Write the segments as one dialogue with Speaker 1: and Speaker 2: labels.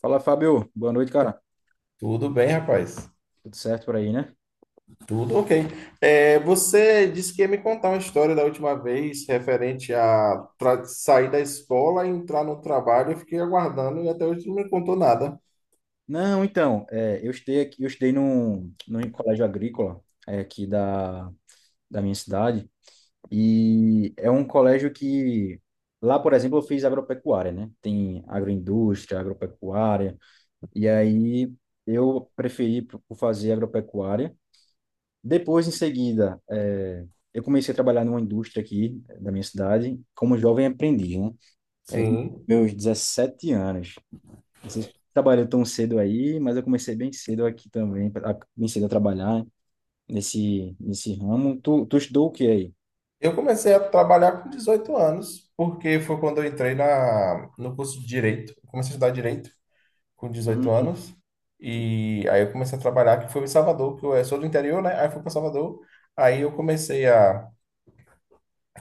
Speaker 1: Fala, Fábio. Boa noite, cara.
Speaker 2: Tudo bem, rapaz.
Speaker 1: Tudo certo por aí, né?
Speaker 2: Tudo ok. É, você disse que ia me contar uma história da última vez referente a sair da escola e entrar no trabalho. Eu fiquei aguardando e até hoje não me contou nada.
Speaker 1: Não, então, é, eu estudei aqui, eu estudei num colégio agrícola aqui da minha cidade e é um colégio que lá, por exemplo, eu fiz agropecuária, né? Tem agroindústria, agropecuária e aí eu preferi por fazer agropecuária. Depois, em seguida, eu comecei a trabalhar numa indústria aqui da minha cidade como jovem aprendiz, né?
Speaker 2: Sim.
Speaker 1: Meus 17 anos. Você trabalhou tão cedo aí, mas eu comecei bem cedo aqui também, bem cedo a trabalhar nesse ramo. Tu estudou o que aí?
Speaker 2: Eu comecei a trabalhar com 18 anos, porque foi quando eu entrei no curso de Direito. Eu comecei a estudar Direito com 18
Speaker 1: Hum.
Speaker 2: anos. E aí eu comecei a trabalhar, que foi em Salvador, que eu sou do interior, né? Aí fui para Salvador. Aí eu comecei a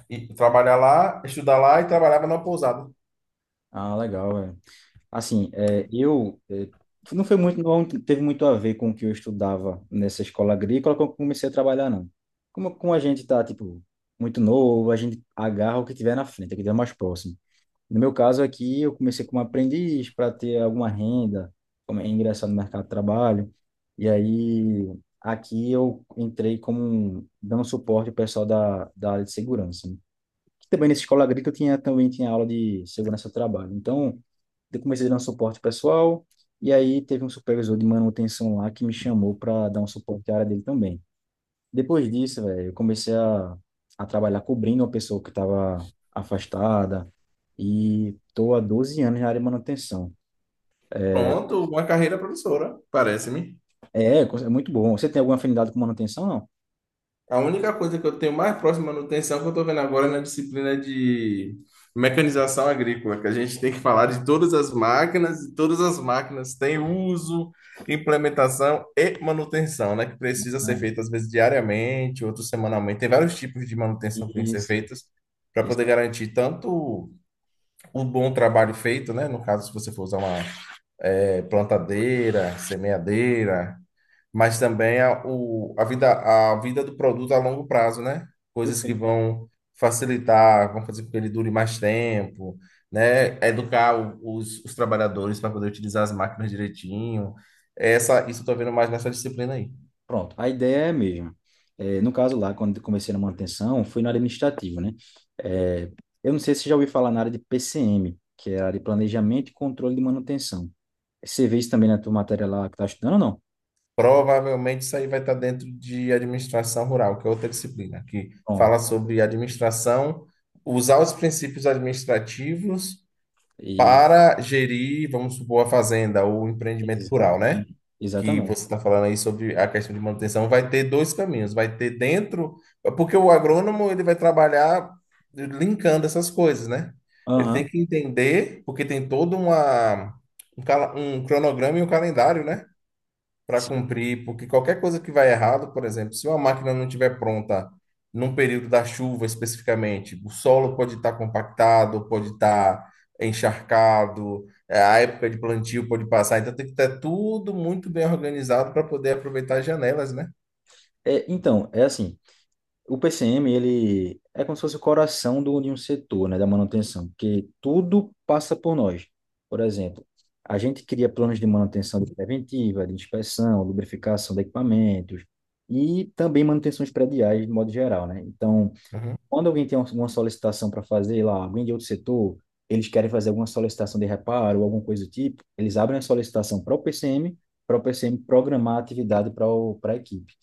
Speaker 2: e trabalhar lá, estudar lá e trabalhava numa pousada.
Speaker 1: Ah, legal, velho. Assim, é, eu é, não foi muito, não teve muito a ver com o que eu estudava nessa escola agrícola quando eu comecei a trabalhar, não. Como a gente tá, tipo, muito novo, a gente agarra o que tiver na frente, o que tiver mais próximo. No meu caso aqui, eu comecei como aprendiz para ter alguma renda, como é ingressar no mercado de trabalho. E aí, aqui eu entrei dando suporte ao pessoal da área de segurança, né? Que também nessa escola agrícola tinha também tinha aula de segurança do trabalho. Então, eu comecei dando suporte pessoal. E aí teve um supervisor de manutenção lá que me chamou para dar um suporte à área dele também. Depois disso, velho, eu comecei a trabalhar cobrindo uma pessoa que estava afastada e tô há 12 anos na área de manutenção.
Speaker 2: Pronto, uma carreira professora parece-me.
Speaker 1: É, é muito bom. Você tem alguma afinidade com manutenção, não?
Speaker 2: A única coisa que eu tenho mais próxima à manutenção que eu estou vendo agora é na disciplina de mecanização agrícola, que a gente tem que falar de todas as máquinas, e todas as máquinas têm uso, implementação e manutenção, né? Que precisa ser
Speaker 1: Ah,
Speaker 2: feita às vezes diariamente, outros semanalmente. Tem vários tipos de manutenção que tem que ser
Speaker 1: isso,
Speaker 2: feitas para
Speaker 1: isso.
Speaker 2: poder garantir tanto o bom trabalho feito, né? No caso, se você for usar uma plantadeira, semeadeira, mas também a vida do produto a longo prazo, né? Coisas que
Speaker 1: Perfeito.
Speaker 2: vão facilitar, vão fazer com que ele dure mais tempo, né? Educar os trabalhadores para poder utilizar as máquinas direitinho. Isso eu estou vendo mais nessa disciplina aí.
Speaker 1: Pronto, a ideia é a mesma. É, no caso lá, quando eu comecei na manutenção, fui na área administrativa, né? É, eu não sei se você já ouviu falar na área de PCM, que é a área de Planejamento e Controle de Manutenção. Você vê isso também na tua matéria lá que tá estudando ou não?
Speaker 2: Provavelmente isso aí vai estar dentro de administração rural, que é outra disciplina, que fala
Speaker 1: Pronto.
Speaker 2: sobre administração, usar os princípios administrativos
Speaker 1: E
Speaker 2: para gerir, vamos supor, a fazenda ou o empreendimento
Speaker 1: Exa-
Speaker 2: rural, né? Que
Speaker 1: exatamente.
Speaker 2: você está falando aí sobre a questão de manutenção, vai ter dois caminhos. Vai ter dentro, porque o agrônomo ele vai trabalhar linkando essas coisas, né? Ele tem
Speaker 1: Aham.
Speaker 2: que entender, porque tem todo uma, um, cala- um cronograma e um calendário, né? Para cumprir, porque qualquer coisa que vai errado, por exemplo, se uma máquina não estiver pronta num período da chuva especificamente, o solo pode estar compactado, pode estar encharcado, a época de plantio pode passar, então tem que ter tudo muito bem organizado para poder aproveitar as janelas, né?
Speaker 1: É, então, é assim, o PCM, ele é como se fosse o coração do, de um setor, né, da manutenção, porque tudo passa por nós. Por exemplo, a gente cria planos de manutenção preventiva, de inspeção, lubrificação de equipamentos e também manutenções prediais, de modo geral, né? Então,
Speaker 2: Uhum.
Speaker 1: quando alguém tem alguma solicitação para fazer lá, alguém de outro setor, eles querem fazer alguma solicitação de reparo ou alguma coisa do tipo, eles abrem a solicitação para o PCM, para o PCM programar a atividade para a equipe.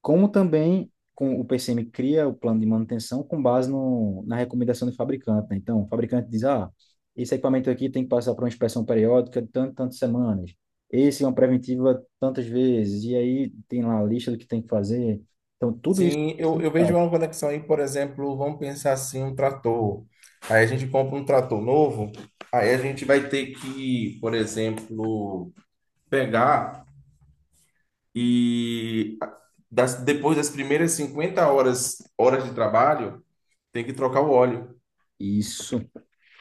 Speaker 1: Como também com, o PCM cria o plano de manutenção com base no, na recomendação do fabricante, né? Então, o fabricante diz, ah, esse equipamento aqui tem que passar por uma inspeção periódica de tanto, tantas semanas. Esse é uma preventiva tantas vezes. E aí tem lá a lista do que tem que fazer. Então, tudo isso o
Speaker 2: Sim,
Speaker 1: PCM
Speaker 2: eu vejo
Speaker 1: faz.
Speaker 2: uma conexão aí, por exemplo, vamos pensar assim, um trator. Aí a gente compra um trator novo, aí a gente vai ter que, por exemplo, pegar E depois das primeiras 50 horas, horas de trabalho, tem que trocar o óleo.
Speaker 1: Isso,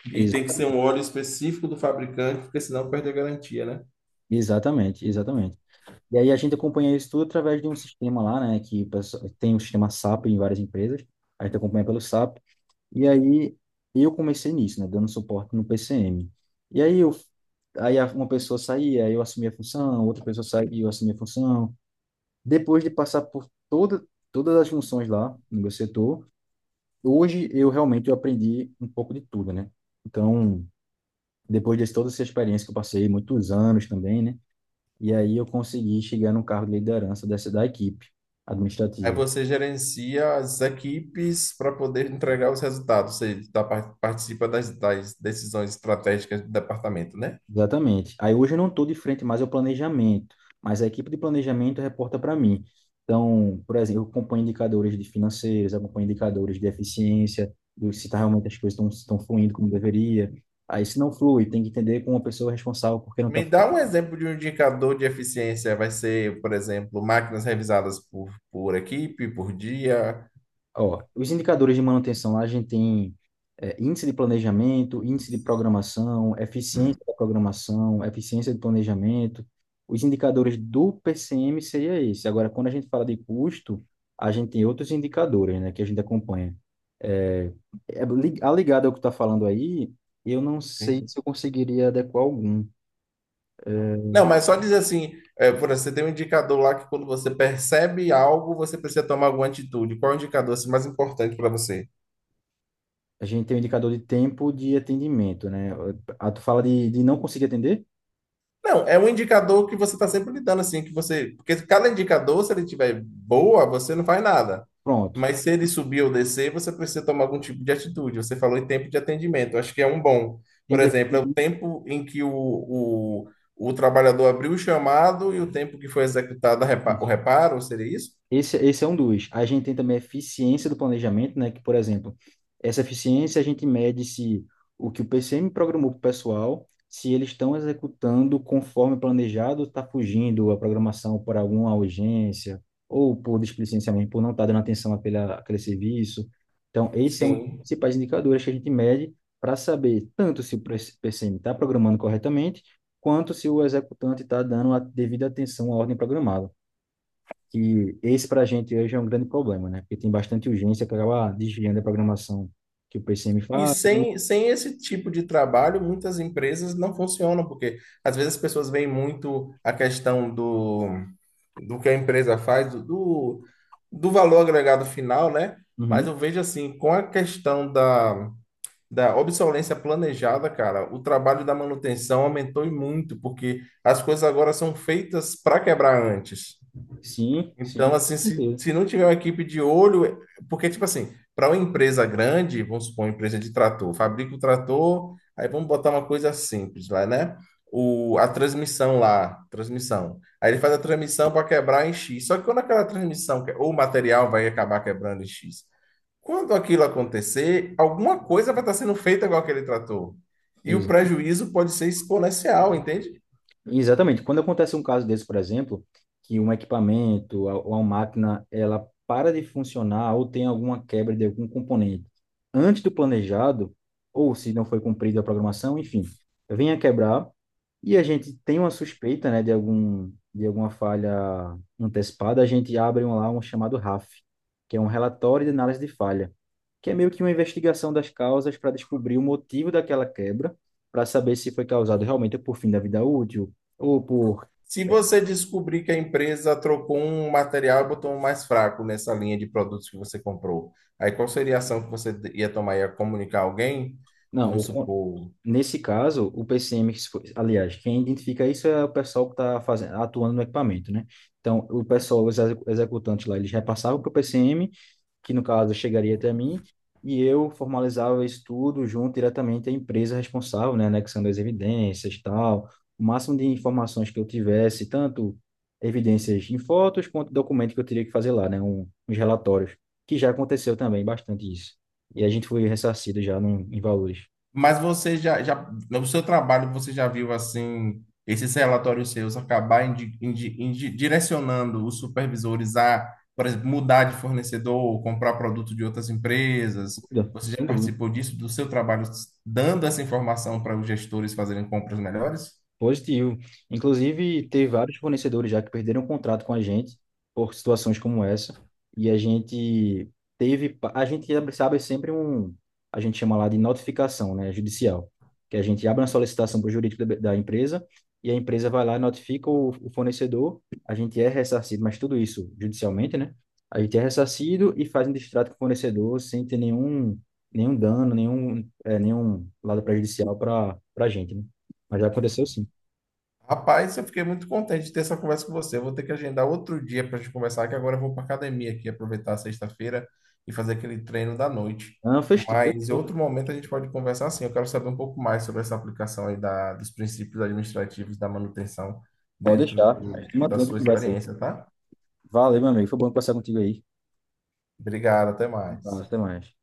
Speaker 2: E tem que ser um óleo específico do fabricante, porque senão perde a garantia, né?
Speaker 1: exatamente, exatamente. E aí a gente acompanha isso tudo através de um sistema lá, né, que tem um sistema SAP em várias empresas, a gente acompanha pelo SAP, e aí eu comecei nisso, né, dando suporte no PCM. E aí eu, aí a- uma pessoa saía, eu assumia a função, outra pessoa saía, e eu assumia a função. Depois de passar por todas as funções lá no meu setor, hoje eu realmente eu aprendi um pouco de tudo, né? Então, depois de toda essa experiência que eu passei, muitos anos também, né? E aí eu consegui chegar no cargo de liderança dessa da equipe
Speaker 2: Aí
Speaker 1: administrativa.
Speaker 2: você gerencia as equipes para poder entregar os resultados, você participa das decisões estratégicas do departamento, né?
Speaker 1: Exatamente. Aí hoje eu não estou de frente mais ao planejamento, mas a equipe de planejamento reporta para mim. Então, por exemplo, eu acompanho indicadores de financeiros, acompanho indicadores de eficiência, do se tá realmente as coisas estão fluindo como deveria. Aí se não flui, tem que entender com a pessoa responsável porque não está.
Speaker 2: Me dá um exemplo de um indicador de eficiência. Vai ser, por exemplo, máquinas revisadas por equipe, por dia.
Speaker 1: Ó, os indicadores de manutenção, lá a gente tem índice de planejamento, índice de programação, eficiência da programação, eficiência de planejamento. Os indicadores do PCM seria esse. Agora, quando a gente fala de custo, a gente tem outros indicadores, né, que a gente acompanha. É, a ligada ao que está falando aí, eu não sei se eu conseguiria adequar algum. É,
Speaker 2: Não, mas só dizer assim, é, por exemplo, você tem um indicador lá que quando você percebe algo, você precisa tomar alguma atitude. Qual é o indicador assim, mais importante para você?
Speaker 1: a gente tem o indicador de tempo de atendimento, né? Ah, tu fala de não conseguir atender?
Speaker 2: Não, é um indicador que você está sempre lidando assim, que você, porque cada indicador, se ele tiver boa, você não faz nada.
Speaker 1: Pronto.
Speaker 2: Mas se ele subir ou descer, você precisa tomar algum tipo de atitude. Você falou em tempo de atendimento, eu acho que é um bom. Por
Speaker 1: Tempo de
Speaker 2: exemplo, é o
Speaker 1: atendimento.
Speaker 2: tempo em que o trabalhador abriu o chamado e o tempo que foi executado o reparo, seria isso?
Speaker 1: Esse é um dos. A gente tem também a eficiência do planejamento, né? Que, por exemplo, essa eficiência a gente mede se o que o PCM programou para o pessoal, se eles estão executando conforme planejado, está fugindo a programação por alguma urgência, ou por displicência mesmo, por não estar dando atenção àquele serviço. Então, esse é um dos
Speaker 2: Sim.
Speaker 1: principais indicadores que a gente mede para saber tanto se o PCM está programando corretamente, quanto se o executante está dando a devida atenção à ordem programada, que esse para a gente hoje é um grande problema, né? Porque tem bastante urgência que acaba desviando a programação que o PCM
Speaker 2: E
Speaker 1: faz.
Speaker 2: sem esse tipo de trabalho, muitas empresas não funcionam, porque às vezes as pessoas veem muito a questão do que a empresa faz, do valor agregado final, né? Mas
Speaker 1: Uhum.
Speaker 2: eu vejo assim, com a questão da obsolescência planejada, cara, o trabalho da manutenção aumentou e muito, porque as coisas agora são feitas para quebrar antes.
Speaker 1: Sim, sim,
Speaker 2: Então, assim,
Speaker 1: com certeza.
Speaker 2: se não tiver uma equipe de olho, é, porque, tipo assim, para uma empresa grande, vamos supor, uma empresa de trator, fabrica o trator, aí vamos botar uma coisa simples lá, né? A transmissão lá, transmissão. Aí ele faz a transmissão para quebrar em X. Só que quando aquela transmissão, ou o material vai acabar quebrando em X. Quando aquilo acontecer, alguma coisa vai estar sendo feita com aquele trator. E o prejuízo pode ser exponencial, entende?
Speaker 1: Exatamente. Quando acontece um caso desse, por exemplo, que um equipamento ou uma máquina ela para de funcionar ou tem alguma quebra de algum componente antes do planejado, ou se não foi cumprida a programação, enfim, vem a quebrar e a gente tem uma suspeita, né, de algum de alguma falha antecipada, a gente abre um, lá um chamado RAF, que é um relatório de análise de falha, que é meio que uma investigação das causas para descobrir o motivo daquela quebra, para saber se foi causado realmente por fim da vida útil ou por.
Speaker 2: Se você descobrir que a empresa trocou um material e botou um mais fraco nessa linha de produtos que você comprou, aí qual seria a ação que você ia tomar? Ia comunicar alguém?
Speaker 1: Não,
Speaker 2: Vamos
Speaker 1: o con-
Speaker 2: supor.
Speaker 1: nesse caso, o PCM, que se foi- aliás, quem identifica isso é o pessoal que está fazendo, atuando no equipamento, né? Então, o pessoal, executantes lá, eles repassavam para o PCM, que no caso chegaria até mim, e eu formalizava isso tudo junto diretamente à empresa responsável, né, anexando as evidências, tal, o máximo de informações que eu tivesse, tanto evidências em fotos quanto documento que eu teria que fazer lá, né, uns relatórios, que já aconteceu também bastante isso. E a gente foi ressarcido já em valores.
Speaker 2: Mas você já no seu trabalho, você já viu assim, esses relatórios seus acabar direcionando os supervisores a, por exemplo, mudar de fornecedor, comprar produto de outras empresas?
Speaker 1: Sem dúvida.
Speaker 2: Você já
Speaker 1: Sem dúvida.
Speaker 2: participou disso, do seu trabalho, dando essa informação para os gestores fazerem compras melhores?
Speaker 1: Positivo. Inclusive, teve vários fornecedores já que perderam o contrato com a gente por situações como essa. E a gente a gente sabe sempre um, a gente chama lá de notificação, né, judicial, que a gente abre uma solicitação para o jurídico da empresa e a empresa vai lá e notifica o fornecedor. A gente é ressarcido, mas tudo isso judicialmente, né? A gente é ressarcido e faz um distrato com o fornecedor sem ter nenhum, nenhum dano, nenhum lado prejudicial para a gente, né? Mas já aconteceu sim.
Speaker 2: Rapaz, eu fiquei muito contente de ter essa conversa com você. Eu vou ter que agendar outro dia para a gente conversar, que agora eu vou para academia aqui, aproveitar a sexta-feira e fazer aquele treino da noite.
Speaker 1: Não, fez tudo, fez
Speaker 2: Mas em
Speaker 1: tudo.
Speaker 2: outro momento a gente pode conversar assim. Eu quero saber um pouco mais sobre essa aplicação aí dos princípios administrativos da manutenção
Speaker 1: Pode
Speaker 2: dentro
Speaker 1: deixar. A gente
Speaker 2: da
Speaker 1: mantém outra
Speaker 2: sua
Speaker 1: conversa aí.
Speaker 2: experiência, tá?
Speaker 1: Valeu, meu amigo. Foi bom conversar contigo aí.
Speaker 2: Obrigado, até
Speaker 1: Valeu,
Speaker 2: mais.
Speaker 1: até mais.